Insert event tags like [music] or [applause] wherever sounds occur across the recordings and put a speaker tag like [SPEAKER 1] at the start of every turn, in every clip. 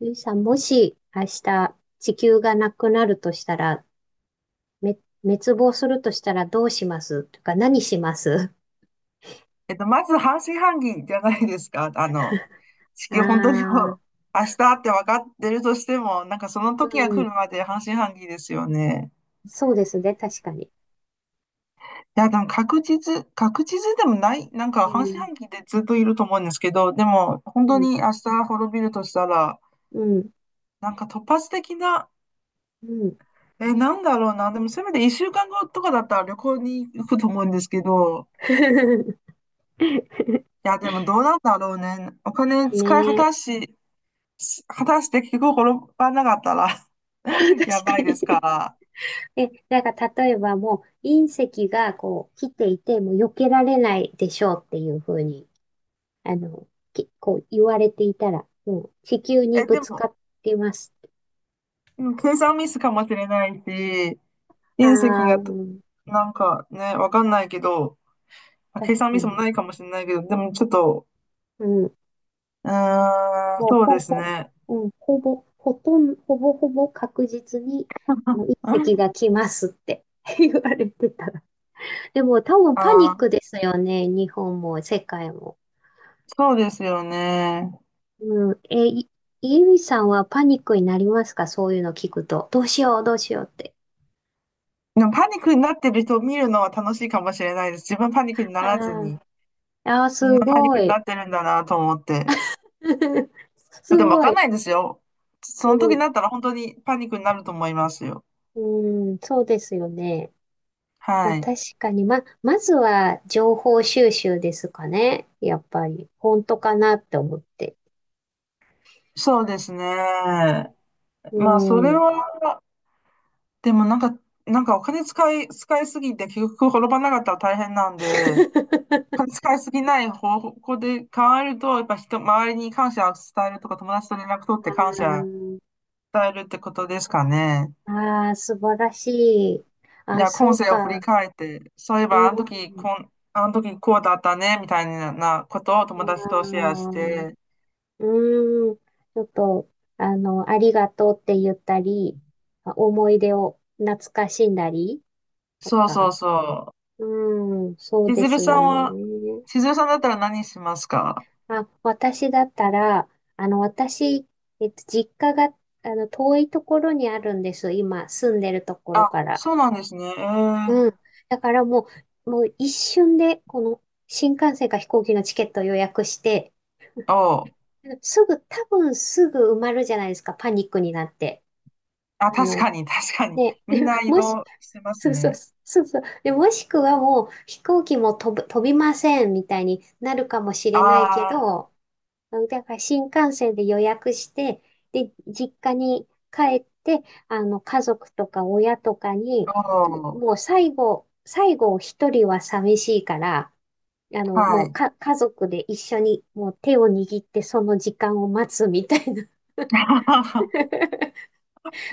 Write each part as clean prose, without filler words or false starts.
[SPEAKER 1] ゆいさん、もし明日地球がなくなるとしたら、め、滅亡するとしたらどうしますとか何します？
[SPEAKER 2] まず半信半疑じゃないですか。[laughs] あの、地球本当にこ
[SPEAKER 1] [laughs] あ
[SPEAKER 2] う
[SPEAKER 1] あ、
[SPEAKER 2] [laughs] 明日って分かってるとしても、なんかその
[SPEAKER 1] う
[SPEAKER 2] 時が来
[SPEAKER 1] ん、
[SPEAKER 2] るまで半信半疑ですよね。
[SPEAKER 1] そうですね、確かに。
[SPEAKER 2] いや、でも確実でもない、なんか
[SPEAKER 1] う
[SPEAKER 2] 半信
[SPEAKER 1] ん、
[SPEAKER 2] 半疑でずっといると思うんですけど、でも
[SPEAKER 1] う
[SPEAKER 2] 本当
[SPEAKER 1] ん、
[SPEAKER 2] に明日滅びるとしたら、
[SPEAKER 1] うん。
[SPEAKER 2] なんか突発的な、
[SPEAKER 1] うん。
[SPEAKER 2] なんだろうな、でもせめて1週間後とかだったら旅行に行くと思うんですけど、
[SPEAKER 1] [laughs]
[SPEAKER 2] いや、でもどうなんだろうね。お金使い果
[SPEAKER 1] ねえ。
[SPEAKER 2] たし、し果たして結局転ばなかったら
[SPEAKER 1] [laughs]
[SPEAKER 2] [laughs] や
[SPEAKER 1] 確
[SPEAKER 2] ば
[SPEAKER 1] か
[SPEAKER 2] いで
[SPEAKER 1] に。
[SPEAKER 2] すから。
[SPEAKER 1] なんか例えばもう隕石がこう来ていてもう避けられないでしょうっていうふうに、あの、こう言われていたら、もう地球に
[SPEAKER 2] え、
[SPEAKER 1] ぶ
[SPEAKER 2] で
[SPEAKER 1] つ
[SPEAKER 2] も、
[SPEAKER 1] かってます。
[SPEAKER 2] うん、計算ミスかもしれないし、
[SPEAKER 1] あ
[SPEAKER 2] 隕石
[SPEAKER 1] あ、う
[SPEAKER 2] がと、
[SPEAKER 1] ん、
[SPEAKER 2] なんかね、わかんないけど、あ、計
[SPEAKER 1] 確
[SPEAKER 2] 算
[SPEAKER 1] か
[SPEAKER 2] ミスも
[SPEAKER 1] に。
[SPEAKER 2] ないかもしれないけど、でもちょっと、
[SPEAKER 1] うん。
[SPEAKER 2] うーん、
[SPEAKER 1] もう
[SPEAKER 2] そう
[SPEAKER 1] ほ
[SPEAKER 2] です
[SPEAKER 1] ぼ、
[SPEAKER 2] ね。
[SPEAKER 1] うん、ほぼ、ほとんど、ほぼほぼ確実に、隕
[SPEAKER 2] う
[SPEAKER 1] 石
[SPEAKER 2] ん、
[SPEAKER 1] が来ますって [laughs] 言われてたら。でも多分
[SPEAKER 2] あ
[SPEAKER 1] パニッ
[SPEAKER 2] ー、
[SPEAKER 1] クですよね。日本も世界も。
[SPEAKER 2] そうですよね。
[SPEAKER 1] うん。イービさんはパニックになりますか？そういうの聞くと。どうしよう、どうしようって。
[SPEAKER 2] でもパニックになってる人を見るのは楽しいかもしれないです。自分パニックにな
[SPEAKER 1] あ
[SPEAKER 2] らずに、
[SPEAKER 1] あ、ああ、
[SPEAKER 2] みん
[SPEAKER 1] す
[SPEAKER 2] なパニッ
[SPEAKER 1] ご
[SPEAKER 2] クに
[SPEAKER 1] い。
[SPEAKER 2] なってるんだなと思って。
[SPEAKER 1] [laughs] す
[SPEAKER 2] でもわ
[SPEAKER 1] ご
[SPEAKER 2] かん
[SPEAKER 1] い。
[SPEAKER 2] ないですよ。その時に
[SPEAKER 1] う
[SPEAKER 2] なったら本当にパニックになると思いますよ。
[SPEAKER 1] ん、うん、そうですよね。まあ
[SPEAKER 2] はい。
[SPEAKER 1] 確かに、まずは情報収集ですかね。やっぱり。本当かなって思って。
[SPEAKER 2] そうですね。
[SPEAKER 1] う
[SPEAKER 2] まあ、それ
[SPEAKER 1] ん。
[SPEAKER 2] は、でもなんか、なんかお金使いすぎて結局転ばなかったら大変なんで、お金使いすぎない方向で考えると、やっぱ人、周りに感謝を伝えるとか、友達と連絡取って
[SPEAKER 1] あ
[SPEAKER 2] 感謝
[SPEAKER 1] ー、
[SPEAKER 2] 伝えるってことですかね。
[SPEAKER 1] あー、素晴らしい。
[SPEAKER 2] い
[SPEAKER 1] あ、
[SPEAKER 2] や、
[SPEAKER 1] そ
[SPEAKER 2] 今
[SPEAKER 1] う
[SPEAKER 2] 世を振り
[SPEAKER 1] か。
[SPEAKER 2] 返って、そういえ
[SPEAKER 1] う
[SPEAKER 2] ばあの時
[SPEAKER 1] ん。
[SPEAKER 2] こん、あの時こうだったね、みたいなことを
[SPEAKER 1] あ
[SPEAKER 2] 友達とシェアし
[SPEAKER 1] ー、
[SPEAKER 2] て、
[SPEAKER 1] うん。ちょっと、ありがとうって言ったり、思い出を懐かしんだりと
[SPEAKER 2] そうそう
[SPEAKER 1] か。
[SPEAKER 2] そ
[SPEAKER 1] うん、そ
[SPEAKER 2] う。
[SPEAKER 1] うですよね。
[SPEAKER 2] 千鶴さんだったら何しますか？
[SPEAKER 1] あ、私だったら、私、実家が、遠いところにあるんです。今、住んでるところ
[SPEAKER 2] あ、
[SPEAKER 1] から。
[SPEAKER 2] そうなんですね。え
[SPEAKER 1] う
[SPEAKER 2] ー、
[SPEAKER 1] ん。だからもう一瞬で、この、新幹線か飛行機のチケットを予約して、
[SPEAKER 2] おう、
[SPEAKER 1] すぐ、多分すぐ埋まるじゃないですか、パニックになって。
[SPEAKER 2] あ、
[SPEAKER 1] あ
[SPEAKER 2] 確
[SPEAKER 1] の、
[SPEAKER 2] かに、確かに。
[SPEAKER 1] ね、
[SPEAKER 2] みん
[SPEAKER 1] [laughs]
[SPEAKER 2] な移
[SPEAKER 1] もし、
[SPEAKER 2] 動してます
[SPEAKER 1] そうそう、
[SPEAKER 2] ね。
[SPEAKER 1] そうそう。で、もしくはもう、飛行機も飛びません、みたいになるかもしれないけ
[SPEAKER 2] あ
[SPEAKER 1] ど、だから新幹線で予約して、で、実家に帰って、家族とか親とかに、
[SPEAKER 2] あ、おう、
[SPEAKER 1] もう最後一人は寂しいから、あの、
[SPEAKER 2] は
[SPEAKER 1] もう
[SPEAKER 2] い。
[SPEAKER 1] か、家族で一緒にもう手を握ってその時間を待つみたいな
[SPEAKER 2] [laughs]
[SPEAKER 1] [laughs]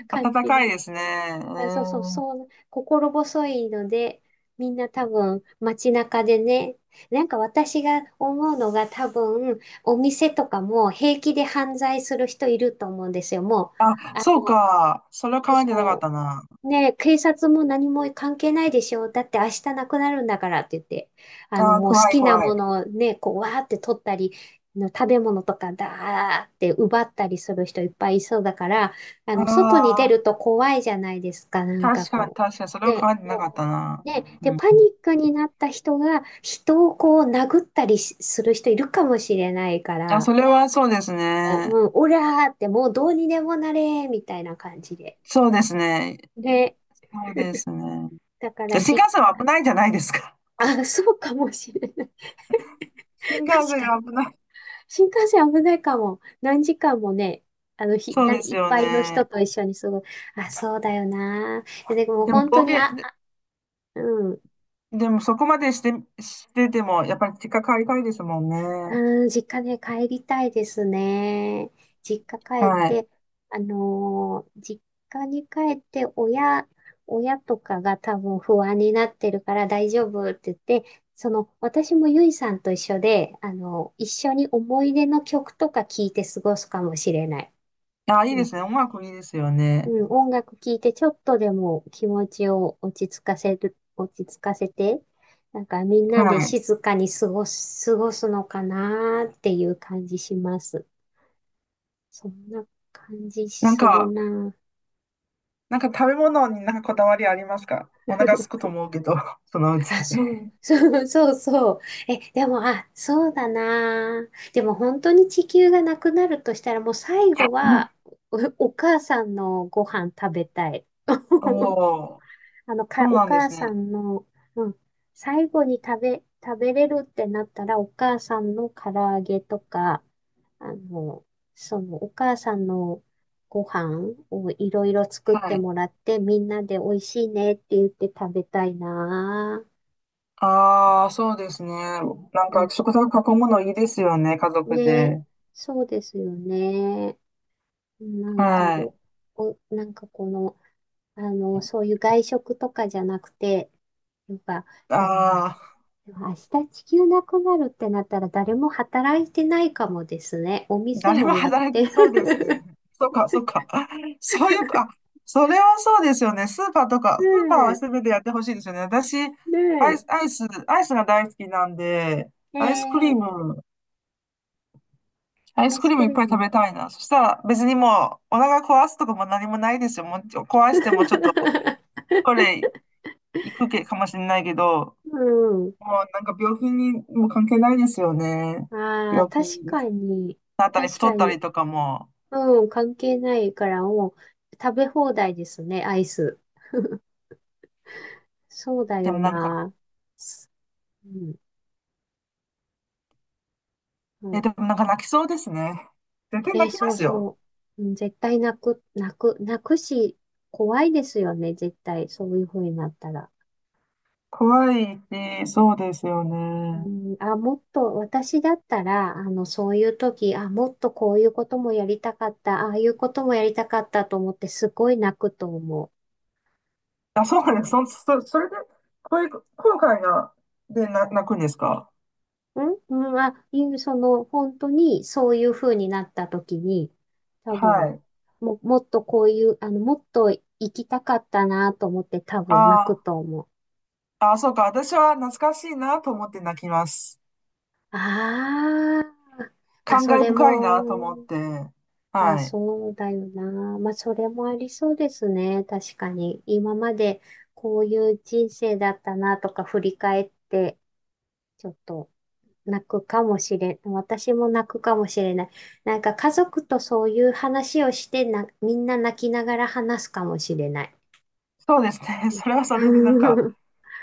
[SPEAKER 1] 感
[SPEAKER 2] 暖
[SPEAKER 1] じ
[SPEAKER 2] かい
[SPEAKER 1] に。
[SPEAKER 2] ですね。え
[SPEAKER 1] あ、そうそう、
[SPEAKER 2] ー、
[SPEAKER 1] そう、心細いので、みんな多分街中でね、なんか私が思うのが多分お店とかも平気で犯罪する人いると思うんですよ。もう、
[SPEAKER 2] あ、
[SPEAKER 1] あ
[SPEAKER 2] そう
[SPEAKER 1] の、
[SPEAKER 2] か。それを考えてなかっ
[SPEAKER 1] そ
[SPEAKER 2] たな。
[SPEAKER 1] う、ねえ、警察も何も関係ないでしょ。だって明日なくなるんだからって言って、
[SPEAKER 2] あー、
[SPEAKER 1] もう好
[SPEAKER 2] 怖い、
[SPEAKER 1] きな
[SPEAKER 2] 怖い。
[SPEAKER 1] ものをね、こう、わーって取ったり、食べ物とかだーって奪ったりする人いっぱいいそうだから、
[SPEAKER 2] あ
[SPEAKER 1] 外に出
[SPEAKER 2] あ、
[SPEAKER 1] ると怖いじゃないですか、なんか
[SPEAKER 2] 確かに、
[SPEAKER 1] こ
[SPEAKER 2] 確かに、そ
[SPEAKER 1] う。
[SPEAKER 2] れを
[SPEAKER 1] ね、
[SPEAKER 2] 考えてなかっ
[SPEAKER 1] も
[SPEAKER 2] た
[SPEAKER 1] う
[SPEAKER 2] な。
[SPEAKER 1] ね、で、
[SPEAKER 2] うん。
[SPEAKER 1] パニックになった人が人をこう殴ったりする人いるかもしれないか
[SPEAKER 2] あ、
[SPEAKER 1] ら、
[SPEAKER 2] それはそうですね。
[SPEAKER 1] うん、オラーってもうどうにでもなれーみたいな感じで。
[SPEAKER 2] そうですね。
[SPEAKER 1] で、
[SPEAKER 2] そうですね。
[SPEAKER 1] だか
[SPEAKER 2] で、
[SPEAKER 1] ら
[SPEAKER 2] 新
[SPEAKER 1] 実
[SPEAKER 2] 幹線は危ないじゃないですか。
[SPEAKER 1] あ、そうかもしれない。
[SPEAKER 2] [laughs] 新
[SPEAKER 1] [laughs]
[SPEAKER 2] 幹
[SPEAKER 1] 確
[SPEAKER 2] 線
[SPEAKER 1] か
[SPEAKER 2] が
[SPEAKER 1] に。
[SPEAKER 2] 危ない。
[SPEAKER 1] 新幹線危ないかも。何時間もね、
[SPEAKER 2] そうです
[SPEAKER 1] いっ
[SPEAKER 2] よ
[SPEAKER 1] ぱいの人
[SPEAKER 2] ね。
[SPEAKER 1] と一緒にすごい。あ、そうだよな。でも
[SPEAKER 2] でも、
[SPEAKER 1] 本当
[SPEAKER 2] 暴
[SPEAKER 1] に、
[SPEAKER 2] 言、で、
[SPEAKER 1] うん。
[SPEAKER 2] でもそこまでして、ても、やっぱり結果変わりたいですもんね。
[SPEAKER 1] うん、実家ね、帰りたいですね。実家帰っ
[SPEAKER 2] はい。
[SPEAKER 1] て、実家に帰って親とかが多分不安になってるから大丈夫って言って、その、私もゆいさんと一緒で、一緒に思い出の曲とか聞いて過ごすかもしれない。
[SPEAKER 2] あ、いいですね。音楽いいですよね。
[SPEAKER 1] うん、音楽聴いてちょっとでも気持ちを落ち着かせて、なんかみんなで
[SPEAKER 2] はい。
[SPEAKER 1] 静かに過ごすのかなーっていう感じします。そんな感じ
[SPEAKER 2] なん
[SPEAKER 1] する
[SPEAKER 2] か、
[SPEAKER 1] なー。
[SPEAKER 2] なんか食べ物になんかこだわりありますか？お
[SPEAKER 1] [laughs]
[SPEAKER 2] 腹すくと思うけど、[laughs] そのう
[SPEAKER 1] あ、
[SPEAKER 2] ち。
[SPEAKER 1] そう、[laughs] そうそうそう。え、でも、あ、そうだなあ。でも本当に地球がなくなるとしたらもう最後
[SPEAKER 2] [laughs]
[SPEAKER 1] はお母さんのご飯食べたい。
[SPEAKER 2] お、
[SPEAKER 1] [laughs]
[SPEAKER 2] お、そう
[SPEAKER 1] お
[SPEAKER 2] なんで
[SPEAKER 1] 母
[SPEAKER 2] す
[SPEAKER 1] さ
[SPEAKER 2] ね。
[SPEAKER 1] んの、うん、最後に食べれるってなったら、お母さんの唐揚げとか、あの、その、お母さんのご飯をいろいろ作っ
[SPEAKER 2] は
[SPEAKER 1] て
[SPEAKER 2] い。
[SPEAKER 1] もらって、みんなで美味しいねって言って食べたいなぁ。
[SPEAKER 2] ああ、そうですね。なん
[SPEAKER 1] う
[SPEAKER 2] か
[SPEAKER 1] ん、
[SPEAKER 2] 食卓囲むのいいですよね、家族
[SPEAKER 1] ね、
[SPEAKER 2] で。
[SPEAKER 1] そうですよね。なんか、
[SPEAKER 2] はい。
[SPEAKER 1] なんかこの、そういう外食とかじゃなくて、なんか、でも、
[SPEAKER 2] ああ、
[SPEAKER 1] でも明日地球なくなるってなったら誰も働いてないかもですね。お店
[SPEAKER 2] 誰も
[SPEAKER 1] もやっ
[SPEAKER 2] 働
[SPEAKER 1] て
[SPEAKER 2] きそうですね。
[SPEAKER 1] る。
[SPEAKER 2] そうか、そうか。[laughs] そういうか、あ、それはそうですよね。
[SPEAKER 1] [laughs]
[SPEAKER 2] スーパーは
[SPEAKER 1] ね
[SPEAKER 2] 全てやってほしいですよね。私、
[SPEAKER 1] え、
[SPEAKER 2] アイス、
[SPEAKER 1] ね
[SPEAKER 2] アイス、アイスが大好きなんで、
[SPEAKER 1] え、
[SPEAKER 2] アイスクリーム、アイ
[SPEAKER 1] ア
[SPEAKER 2] ス
[SPEAKER 1] イ
[SPEAKER 2] ク
[SPEAKER 1] ス
[SPEAKER 2] リーム
[SPEAKER 1] ク
[SPEAKER 2] いっ
[SPEAKER 1] リー
[SPEAKER 2] ぱい食
[SPEAKER 1] ム。
[SPEAKER 2] べたいな。そしたら別にもう、お腹壊すとかも何もないですよ。もうちょ壊してもちょっと、これ、
[SPEAKER 1] [laughs]
[SPEAKER 2] 行くけかもしれないけど、
[SPEAKER 1] うん。
[SPEAKER 2] もうなんか病気にも関係ないですよね。
[SPEAKER 1] ああ、
[SPEAKER 2] 病
[SPEAKER 1] 確
[SPEAKER 2] 気に
[SPEAKER 1] かに、
[SPEAKER 2] なったり、
[SPEAKER 1] 確
[SPEAKER 2] 太
[SPEAKER 1] か
[SPEAKER 2] った
[SPEAKER 1] に。
[SPEAKER 2] りとかも。
[SPEAKER 1] うん、関係ないからもう食べ放題ですね、アイス。そうだ
[SPEAKER 2] で
[SPEAKER 1] よ
[SPEAKER 2] もなんか、
[SPEAKER 1] な。うん。
[SPEAKER 2] でもなんか泣きそうですね。絶対泣き
[SPEAKER 1] そ
[SPEAKER 2] ま
[SPEAKER 1] う
[SPEAKER 2] すよ。
[SPEAKER 1] そう。うん、絶対泣く、泣く、泣くし、怖いですよね、絶対。そういう風になったら。
[SPEAKER 2] 怖いし、そうですよ
[SPEAKER 1] う
[SPEAKER 2] ね。
[SPEAKER 1] ん、もっと、私だったら、そういう時、あ、もっとこういうこともやりたかった、ああいうこともやりたかったと思って、すごい泣くと思
[SPEAKER 2] あ、そ
[SPEAKER 1] う。う
[SPEAKER 2] うです。
[SPEAKER 1] ん、
[SPEAKER 2] それで、こういう、後悔が、で、泣くんですか？
[SPEAKER 1] うん、その、本当に、そういう風になった時に、多
[SPEAKER 2] は
[SPEAKER 1] 分、
[SPEAKER 2] い。
[SPEAKER 1] もっとこういう、もっと行きたかったなと思って、多分泣く
[SPEAKER 2] あ
[SPEAKER 1] と思う。
[SPEAKER 2] あ、あ、そうか。私は懐かしいなと思って泣きます。
[SPEAKER 1] ああ、あ、
[SPEAKER 2] 感
[SPEAKER 1] そ
[SPEAKER 2] 慨
[SPEAKER 1] れ
[SPEAKER 2] 深いなと思っ
[SPEAKER 1] も、
[SPEAKER 2] て。
[SPEAKER 1] あ、
[SPEAKER 2] はい。
[SPEAKER 1] そうだよな。まあ、それもありそうですね。確かに。今までこういう人生だったなとか振り返って、ちょっと泣くかもしれん。私も泣くかもしれない。なんか家族とそういう話をしてな、みんな泣きながら話すかもしれない
[SPEAKER 2] そうですね。[laughs]
[SPEAKER 1] です
[SPEAKER 2] それ
[SPEAKER 1] ね。
[SPEAKER 2] はそれでなんか、
[SPEAKER 1] [laughs]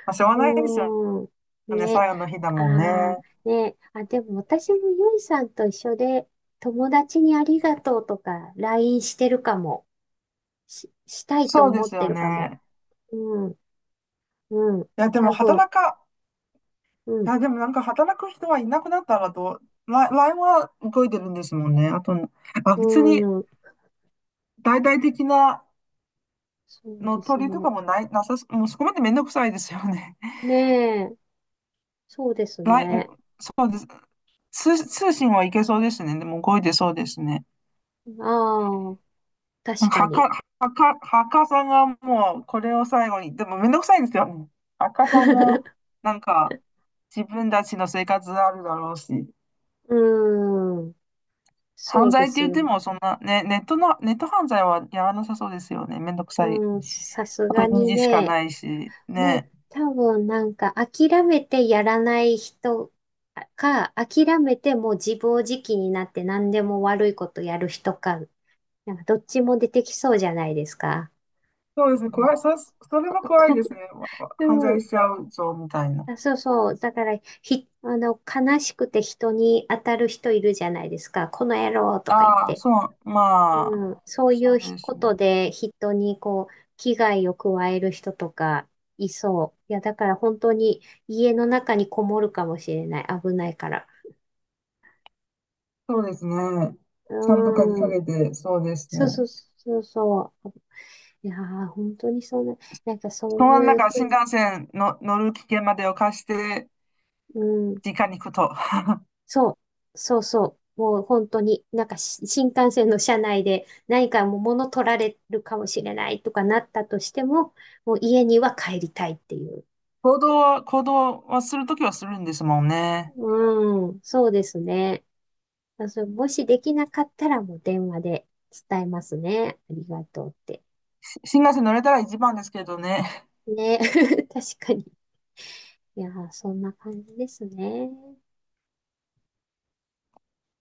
[SPEAKER 2] まあ、しょうがないですよ
[SPEAKER 1] うーん。
[SPEAKER 2] ね。
[SPEAKER 1] ね。
[SPEAKER 2] 最後の日だもんね。
[SPEAKER 1] ああ、ね。あ、でも私もゆいさんと一緒で、友達にありがとうとか、LINE してるかも。したいと
[SPEAKER 2] そうで
[SPEAKER 1] 思っ
[SPEAKER 2] す
[SPEAKER 1] て
[SPEAKER 2] よ
[SPEAKER 1] るかも。
[SPEAKER 2] ね。
[SPEAKER 1] うん、うん。
[SPEAKER 2] いや、でも
[SPEAKER 1] 多分、
[SPEAKER 2] 働か、
[SPEAKER 1] う
[SPEAKER 2] い
[SPEAKER 1] ん、
[SPEAKER 2] や、でもなんか働く人はいなくなったらと、LINE は動いてるんですもんね。あと、あ、
[SPEAKER 1] う
[SPEAKER 2] 別に
[SPEAKER 1] ん。
[SPEAKER 2] 大々的な
[SPEAKER 1] そう
[SPEAKER 2] の
[SPEAKER 1] です
[SPEAKER 2] 取りと
[SPEAKER 1] ね。
[SPEAKER 2] かもない、なさす、もうそこまでめんどくさいですよね。[laughs]
[SPEAKER 1] ねえ。そうです
[SPEAKER 2] l
[SPEAKER 1] ね。
[SPEAKER 2] そうです。通信はいけそうですね。でも動いてそうですね。
[SPEAKER 1] ああ、
[SPEAKER 2] なん
[SPEAKER 1] 確か
[SPEAKER 2] か、はか、
[SPEAKER 1] に。
[SPEAKER 2] はか、はかさんがもうこれを最後に、でもめんどくさいですよね。はかさんも、
[SPEAKER 1] [laughs]
[SPEAKER 2] なんか、自分たちの生活あるだろうし。
[SPEAKER 1] うん。そ
[SPEAKER 2] 犯
[SPEAKER 1] う
[SPEAKER 2] 罪
[SPEAKER 1] で
[SPEAKER 2] って
[SPEAKER 1] す
[SPEAKER 2] 言っ
[SPEAKER 1] よ
[SPEAKER 2] て
[SPEAKER 1] ね。
[SPEAKER 2] も、そんな、ね、ネット犯罪はやらなさそうですよね。めんどくさい。
[SPEAKER 1] うん。さす
[SPEAKER 2] アプ
[SPEAKER 1] が
[SPEAKER 2] リ
[SPEAKER 1] に
[SPEAKER 2] にしか
[SPEAKER 1] ね。
[SPEAKER 2] ないし、
[SPEAKER 1] もう
[SPEAKER 2] ね。
[SPEAKER 1] 多分なんか諦めてやらない人か、諦めてもう自暴自棄になって何でも悪いことやる人か、なんかどっちも出てきそうじゃないですか。
[SPEAKER 2] そうで
[SPEAKER 1] う
[SPEAKER 2] すね、
[SPEAKER 1] ん、
[SPEAKER 2] 怖い、そ、それ
[SPEAKER 1] こ
[SPEAKER 2] は怖いで
[SPEAKER 1] こ、
[SPEAKER 2] すね。犯
[SPEAKER 1] う
[SPEAKER 2] 罪
[SPEAKER 1] ん、
[SPEAKER 2] しちゃうぞ、みたいな。
[SPEAKER 1] あ、[laughs] そうそう。だから、ひ、あの、悲しくて人に当たる人いるじゃないですか。この野郎とか言っ
[SPEAKER 2] ああ、
[SPEAKER 1] て。
[SPEAKER 2] そう、まあ、
[SPEAKER 1] うん、そうい
[SPEAKER 2] そう
[SPEAKER 1] う
[SPEAKER 2] で
[SPEAKER 1] こ
[SPEAKER 2] すね。
[SPEAKER 1] とで人にこう危害を加える人とかいそう。いや、だから本当に家の中にこもるかもしれない。危ないから。
[SPEAKER 2] そうですね。ちゃんと鍵
[SPEAKER 1] う
[SPEAKER 2] か
[SPEAKER 1] ん。
[SPEAKER 2] けて、そうです
[SPEAKER 1] そうそう
[SPEAKER 2] ね。
[SPEAKER 1] そうそう。いやー、本当にそんな、なんかそう
[SPEAKER 2] そのな
[SPEAKER 1] い
[SPEAKER 2] ん
[SPEAKER 1] う
[SPEAKER 2] か
[SPEAKER 1] ふう
[SPEAKER 2] 新
[SPEAKER 1] に、
[SPEAKER 2] 幹線の乗る危険までを貸して、
[SPEAKER 1] うん。
[SPEAKER 2] 実家に行くと。
[SPEAKER 1] そう、そうそう。もう本当に、なんか新幹線の車内で何かもう物取られるかもしれないとかなったとしても、もう家には帰りたいっていう。
[SPEAKER 2] 行動はするときはするんですもんね。
[SPEAKER 1] うん、そうですね。まあそう、もしできなかったらもう電話で伝えますね。ありがとうって。
[SPEAKER 2] 新幹線乗れたら一番ですけどね。
[SPEAKER 1] ね。[laughs] 確かに。いやー、そんな感じですね。